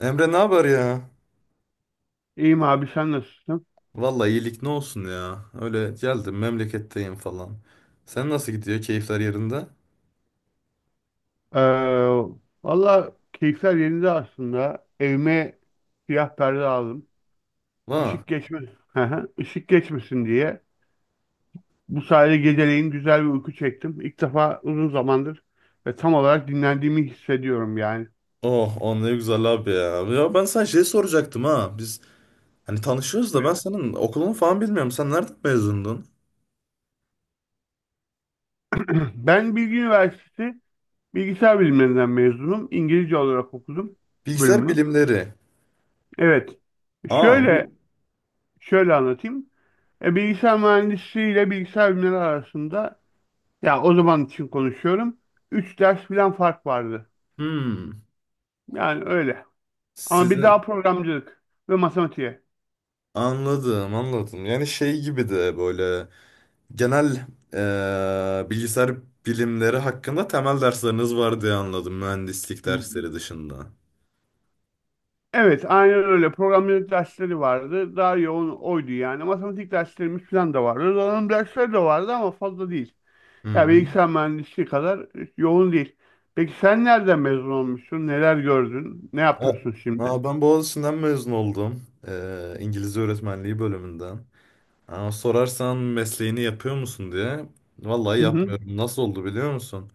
Emre, ne haber ya? İyiyim abi, sen nasılsın? Vallahi iyilik, ne olsun ya. Öyle geldim, memleketteyim falan. Sen nasıl gidiyor? Keyifler yerinde? Ee, Valla keyifler yerinde aslında. Evime siyah perde aldım. Ha. Işık geçmesin, ışık geçmesin diye. Bu sayede geceleyin güzel bir uyku çektim. İlk defa uzun zamandır ve tam olarak dinlendiğimi hissediyorum yani. Oh, o ne güzel abi ya. Ya ben sana şey soracaktım, ha. Biz hani tanışıyoruz da ben Buyur. senin okulunu falan bilmiyorum. Sen nereden mezundun? Ben Bilgi Üniversitesi Bilgisayar Bilimlerinden mezunum. İngilizce olarak okudum Bilgisayar bölümü. bilimleri. Evet. Aa, bu, Şöyle şöyle anlatayım. Bilgisayar mühendisliği ile bilgisayar bilimleri arasında, ya o zaman için konuşuyorum, üç ders falan fark vardı. hmm. Yani öyle. Ama bir Sizi daha programcılık ve matematiğe. Anladım, anladım. Yani şey gibi de böyle genel, bilgisayar bilimleri hakkında temel dersleriniz var diye anladım, mühendislik dersleri dışında. Evet, aynen öyle. Programcılık dersleri vardı. Daha yoğun oydu yani. Matematik derslerimiz falan da vardı. Donanım dersleri de vardı ama fazla değil. Hı Ya hı. bilgisayar mühendisliği kadar yoğun değil. Peki sen nereden mezun olmuşsun? Neler gördün? Ne Ha, yapıyorsun şimdi? ha, ben Boğaziçi'nden mezun oldum. İngilizce öğretmenliği bölümünden. Ha, sorarsan mesleğini yapıyor musun diye. Vallahi Hı hı. yapmıyorum. Nasıl oldu biliyor musun?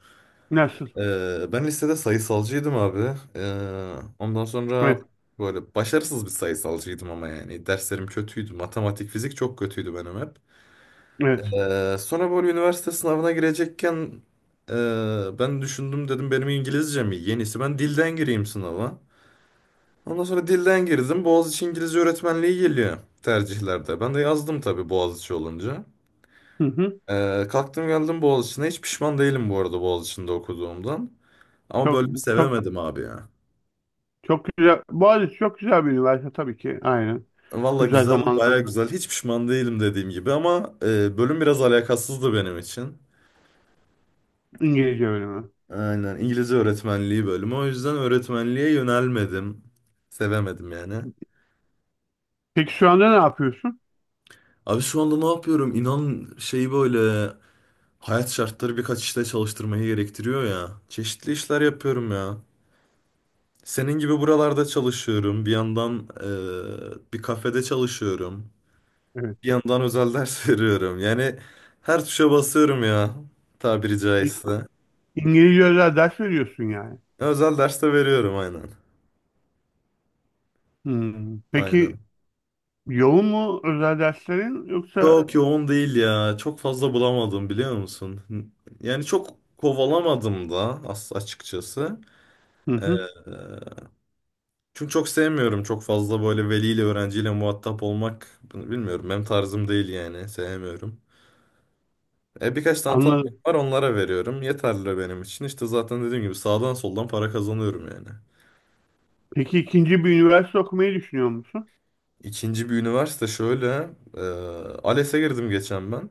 Nasıl? Ben lisede sayısalcıydım abi. Ondan sonra Evet, böyle başarısız bir sayısalcıydım ama yani. Derslerim kötüydü. Matematik, fizik çok kötüydü benim hep. evet. Sonra böyle üniversite sınavına girecekken ben düşündüm, dedim benim İngilizcem iyi. Yenisi ben dilden gireyim sınava. Ondan sonra dilden girdim. Boğaziçi İngilizce öğretmenliği geliyor tercihlerde. Ben de yazdım tabii Boğaziçi olunca. Hı hı. Kalktım geldim Boğaziçi'ne. Hiç pişman değilim bu arada Boğaziçi'nde okuduğumdan. Ama Çok bölümü çok sevemedim abi ya. çok güzel. Boğaziçi çok güzel bir üniversite tabii ki. Aynen. Valla Güzel güzel, zamanlar, baya güzel. Hiç pişman değilim dediğim gibi ama bölüm biraz alakasızdı benim için. İngilizce öğrenimi. Aynen, İngilizce öğretmenliği bölümü. O yüzden öğretmenliğe yönelmedim. Sevemedim yani. Peki şu anda ne yapıyorsun? Abi, şu anda ne yapıyorum? İnan, şey böyle, hayat şartları birkaç işte çalıştırmayı gerektiriyor ya. Çeşitli işler yapıyorum ya. Senin gibi buralarda çalışıyorum. Bir yandan bir kafede çalışıyorum. Evet. Bir yandan özel ders veriyorum. Yani her tuşa basıyorum ya. Tabiri İ- caizse. İngilizce özel ders veriyorsun yani. Özel ders de veriyorum, aynen. Hmm. Aynen. Peki yoğun mu özel derslerin yoksa? Çok yoğun değil ya. Çok fazla bulamadım, biliyor musun? Yani çok kovalamadım da, açıkçası. Hı hı. Çünkü çok sevmiyorum çok fazla böyle veliyle öğrenciyle muhatap olmak. Bunu bilmiyorum, benim tarzım değil yani, sevmiyorum. E, birkaç tane tanıdık Anladım. var, onlara veriyorum. Yeterli benim için. İşte zaten dediğim gibi sağdan soldan para kazanıyorum yani. Peki ikinci bir üniversite okumayı düşünüyor musun? İkinci bir üniversite şöyle. E, ALES'e girdim geçen ben.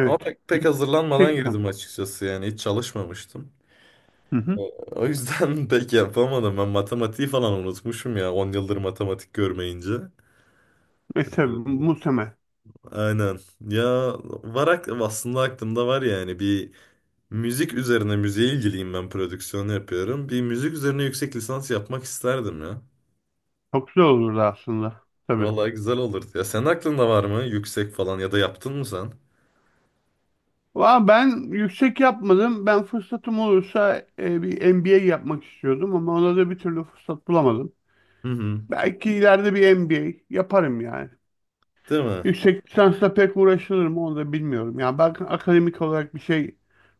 Ama pek hazırlanmadan Yüksek lisans. girdim açıkçası, yani hiç çalışmamıştım. Hı E, hı. O yüzden pek yapamadım. Ben matematiği falan unutmuşum ya, 10 yıldır matematik görmeyince. E tabii E, muhtemel. Aynen. Ya, var aslında aklımda var yani, bir müzik üzerine, müziğe ilgiliyim ben, prodüksiyon yapıyorum. Bir müzik üzerine yüksek lisans yapmak isterdim ya. Çok güzel olurdu aslında. Tabii. Vallahi güzel olurdu ya. Senin aklında var mı yüksek falan ya da yaptın mı sen? Valla ben yüksek yapmadım. Ben fırsatım olursa bir MBA yapmak istiyordum ama ona da bir türlü fırsat bulamadım. Hı hı. Belki ileride bir MBA yaparım yani. Değil mi? Yüksek lisansla pek uğraşılır mı onu da bilmiyorum. Yani ben akademik olarak bir şey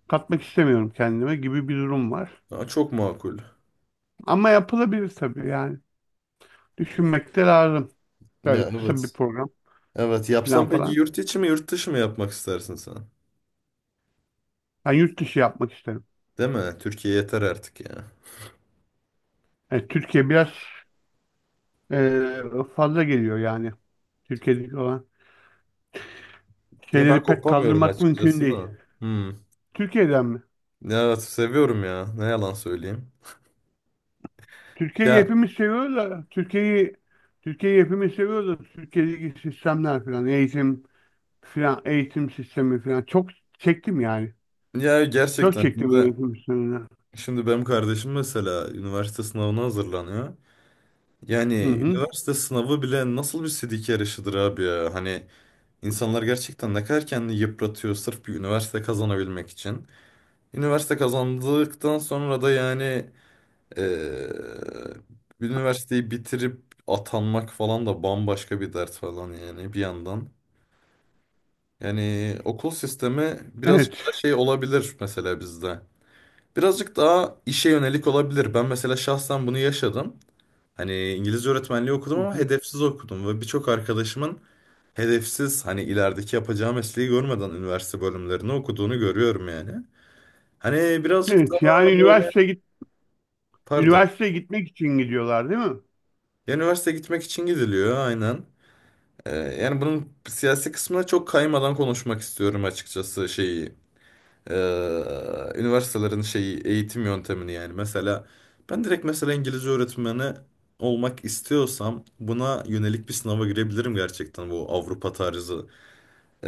katmak istemiyorum kendime gibi bir durum var. Aa, çok makul. Ama yapılabilir tabii yani. Düşünmek de lazım. Ya, Böyle kısa bir evet. program Evet, falan yapsam peki falan. yurt içi mi yurt dışı mı yapmak istersin sen? Ben yurt dışı yapmak isterim. Değil mi? Türkiye yeter artık ya. Yani Türkiye biraz eee, fazla geliyor yani. Türkiye'deki olan Ya ben şeyleri pek kopamıyorum kaldırmak mümkün açıkçası değil. da. Hmm. Türkiye'den mi? Ya evet, seviyorum ya. Ne yalan söyleyeyim. Türkiye'yi Ya hepimiz seviyoruz da Türkiye'yi hepimiz seviyoruz da Türkiye'deki sistemler falan eğitim falan eğitim sistemi falan çok çektim yani. Ya Çok gerçekten, çektim şimdi, eğitim sisteminden. şimdi benim kardeşim mesela üniversite sınavına hazırlanıyor. Yani Hı hı. üniversite sınavı bile nasıl bir sidik yarışıdır abi ya. Hani insanlar gerçekten ne kadar kendini yıpratıyor sırf bir üniversite kazanabilmek için. Üniversite kazandıktan sonra da yani, eee, üniversiteyi bitirip atanmak falan da bambaşka bir dert falan yani, bir yandan. Yani okul sistemi biraz Evet. da şey olabilir mesela bizde. Birazcık daha işe yönelik olabilir. Ben mesela şahsen bunu yaşadım. Hani İngilizce öğretmenliği okudum Hı ama hı. hedefsiz okudum ve birçok arkadaşımın hedefsiz, hani ilerideki yapacağı mesleği görmeden üniversite bölümlerini okuduğunu görüyorum yani. Hani birazcık Evet yani daha böyle, pardon. üniversiteye gitmek için gidiyorlar değil mi? Ya, üniversite gitmek için gidiliyor aynen. Yani bunun siyasi kısmına çok kaymadan konuşmak istiyorum açıkçası, şeyi, e, üniversitelerin şeyi, eğitim yöntemini. Yani mesela ben direkt mesela İngilizce öğretmeni olmak istiyorsam buna yönelik bir sınava girebilirim gerçekten, bu Avrupa tarzı. E,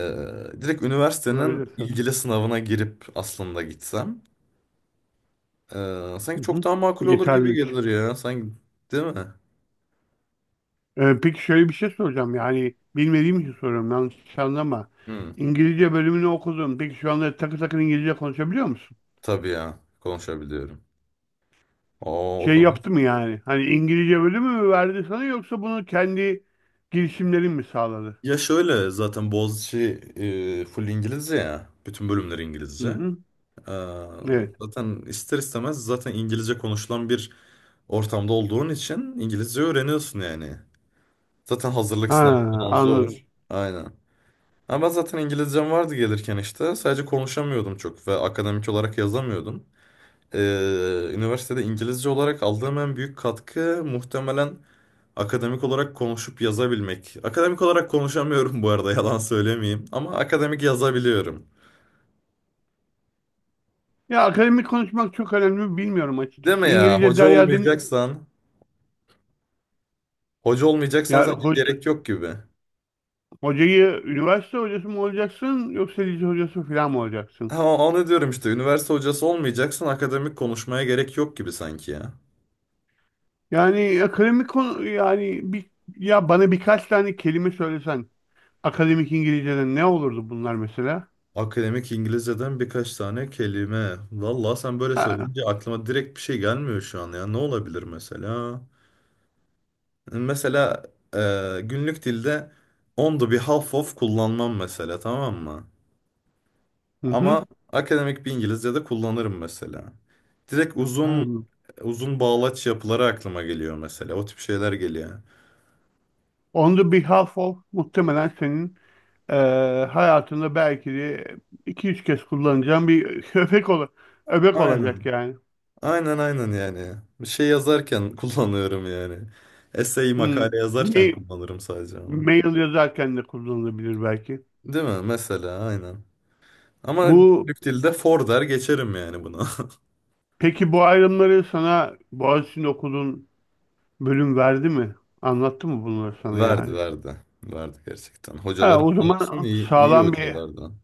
Direkt üniversitenin Olabilir tabii. ilgili sınavına girip aslında gitsem Hı sanki çok hı. daha makul olur gibi Yeterlilik. gelir ya, sanki değil mi? Peki şöyle bir şey soracağım, yani bilmediğim için soruyorum, yanlış anlama. Hı, İngilizce bölümünü okudun. Peki şu anda takır takır İngilizce konuşabiliyor musun? tabii ya, konuşabiliyorum. Oo, o Şey konu. yaptı mı yani? Hani İngilizce bölümü mü verdi sana yoksa bunu kendi girişimlerin mi sağladı? Ya şöyle, zaten Boğaziçi full İngilizce ya. Bütün bölümler Hı İngilizce. hı. Ee, Evet. Zaten ister istemez, zaten İngilizce konuşulan bir ortamda olduğun için İngilizce öğreniyorsun yani. Zaten hazırlık sınavı Ha, falan zor. anladım. Aynen. Ama ben zaten İngilizcem vardı gelirken işte. Sadece konuşamıyordum çok ve akademik olarak yazamıyordum. Üniversitede İngilizce olarak aldığım en büyük katkı muhtemelen akademik olarak konuşup yazabilmek. Akademik olarak konuşamıyorum bu arada, yalan söylemeyeyim. Ama akademik yazabiliyorum. Ya akademik konuşmak çok önemli mi bilmiyorum Deme açıkçası. ya, İngilizce hoca Derya Deniz... olmayacaksan. Hoca olmayacaksan Ya sanki ho- gerek yok gibi. hocayı üniversite hocası mı olacaksın yoksa lise hocası falan mı olacaksın? Ha, onu diyorum işte, üniversite hocası olmayacaksan akademik konuşmaya gerek yok gibi sanki ya. Yani akademik konu yani bir, ya bana birkaç tane kelime söylesen akademik İngilizce'den ne olurdu bunlar mesela? Akademik İngilizceden birkaç tane kelime. Vallahi sen böyle Ha. söyleyince aklıma direkt bir şey gelmiyor şu an ya. Ne olabilir mesela? Mesela günlük dilde on the behalf of kullanmam mesela, tamam mı? Hı hı. Ama akademik bir İngilizce'de kullanırım mesela. Direkt Ha. uzun uzun bağlaç yapıları aklıma geliyor mesela. O tip şeyler geliyor. On the Behalf of muhtemelen senin hayatında belki de iki üç kez kullanacağın bir öbek olacak Aynen. yani. Aynen, aynen yani. Bir şey yazarken kullanıyorum yani. Essay, Hmm. makale yazarken Ma- kullanırım sadece onu. Mail yazarken de kullanılabilir belki. Değil mi? Mesela aynen. Ama Bu günlük dilde for der geçerim yani bunu. peki bu ayrımları sana Boğaziçi'nde okuduğun bölüm verdi mi? Anlattı mı bunları sana Verdi, yani? verdi. Verdi gerçekten. Ha, Hocalarım o da olsun, zaman iyi, iyi hocalardan.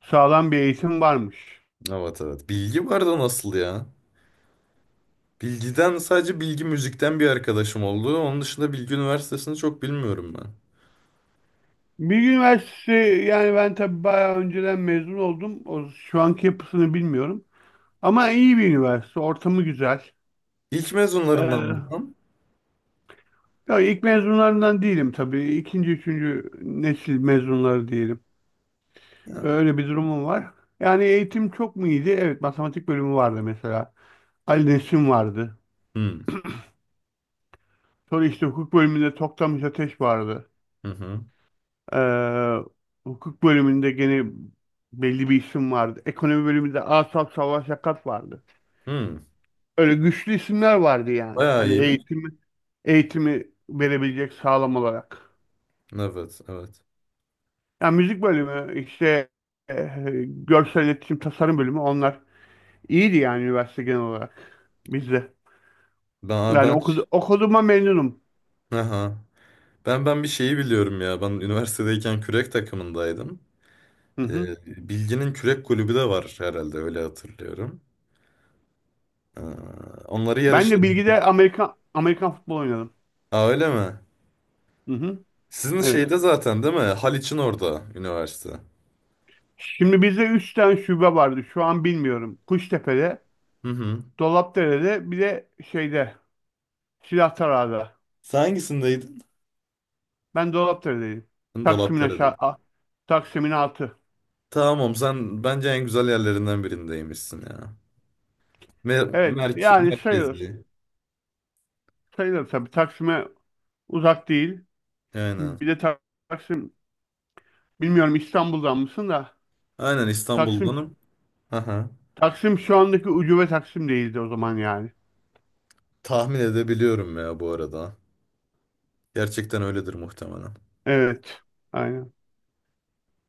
sağlam bir eğitim varmış. Evet, evet. Bilgi vardı, nasıl ya? Bilgiden sadece Bilgi Müzik'ten bir arkadaşım oldu. Onun dışında Bilgi Üniversitesi'ni çok bilmiyorum ben. Bilgi Üniversitesi, yani ben tabii bayağı önceden mezun oldum. O, şu anki yapısını bilmiyorum. Ama iyi bir üniversite, ortamı güzel. İlk mezunlarından mı? Ee, Tam? Ya ilk mezunlarından değilim tabii. İkinci, üçüncü nesil mezunları diyelim. Ya. Öyle bir durumum var. Yani eğitim çok mu iyiydi? Evet, matematik bölümü vardı mesela. Ali Nesin vardı. Hmm. Sonra işte hukuk bölümünde Toktamış Ateş vardı. Hı hı. Ee, Hukuk bölümünde gene belli bir isim vardı. Ekonomi bölümünde Asaf Savaş Yakat vardı. Hmm. Öyle güçlü isimler vardı yani. Bayağı iyiymiş. Eğitimi verebilecek sağlam olarak. Evet, evet. Ya müzik bölümü işte, e, görsel iletişim tasarım bölümü, onlar iyiydi yani üniversite genel olarak bizde. Ben Yani ben okuduğuma memnunum. Aha. Ben bir şeyi biliyorum ya. Ben üniversitedeyken kürek takımındaydım. Hı hı. Ee, Bilgi'nin kürek kulübü de var herhalde, öyle hatırlıyorum. Ee, Onları Ben yarışa, de bilgide Amerikan futbol oynadım. aa öyle mi? Hı hı. Sizin Evet. şeyde zaten değil mi? Haliç'in orada üniversite. Şimdi bizde 3 tane şube vardı. Şu an bilmiyorum. Kuştepe'de, Hı hı. Dolapdere'de, bir de şeyde, Silahtarağa'da. Sen hangisindeydin? Ben Dolapdere'deyim. Taksim'in Dolapdere'de. aşağı a- Taksim'in altı. Tamam, sen bence en güzel yerlerinden birindeymişsin ya. Evet yani sayılır. Merkezi. Sayılır tabii. Taksim'e uzak değil. Aynen. Bir de Taksim, bilmiyorum İstanbul'dan mısın da, Aynen, Taksim İstanbul'danım. Aha. Şu andaki ucube Taksim değildi o zaman yani. Tahmin edebiliyorum ya bu arada. Gerçekten öyledir muhtemelen. Evet. Aynen.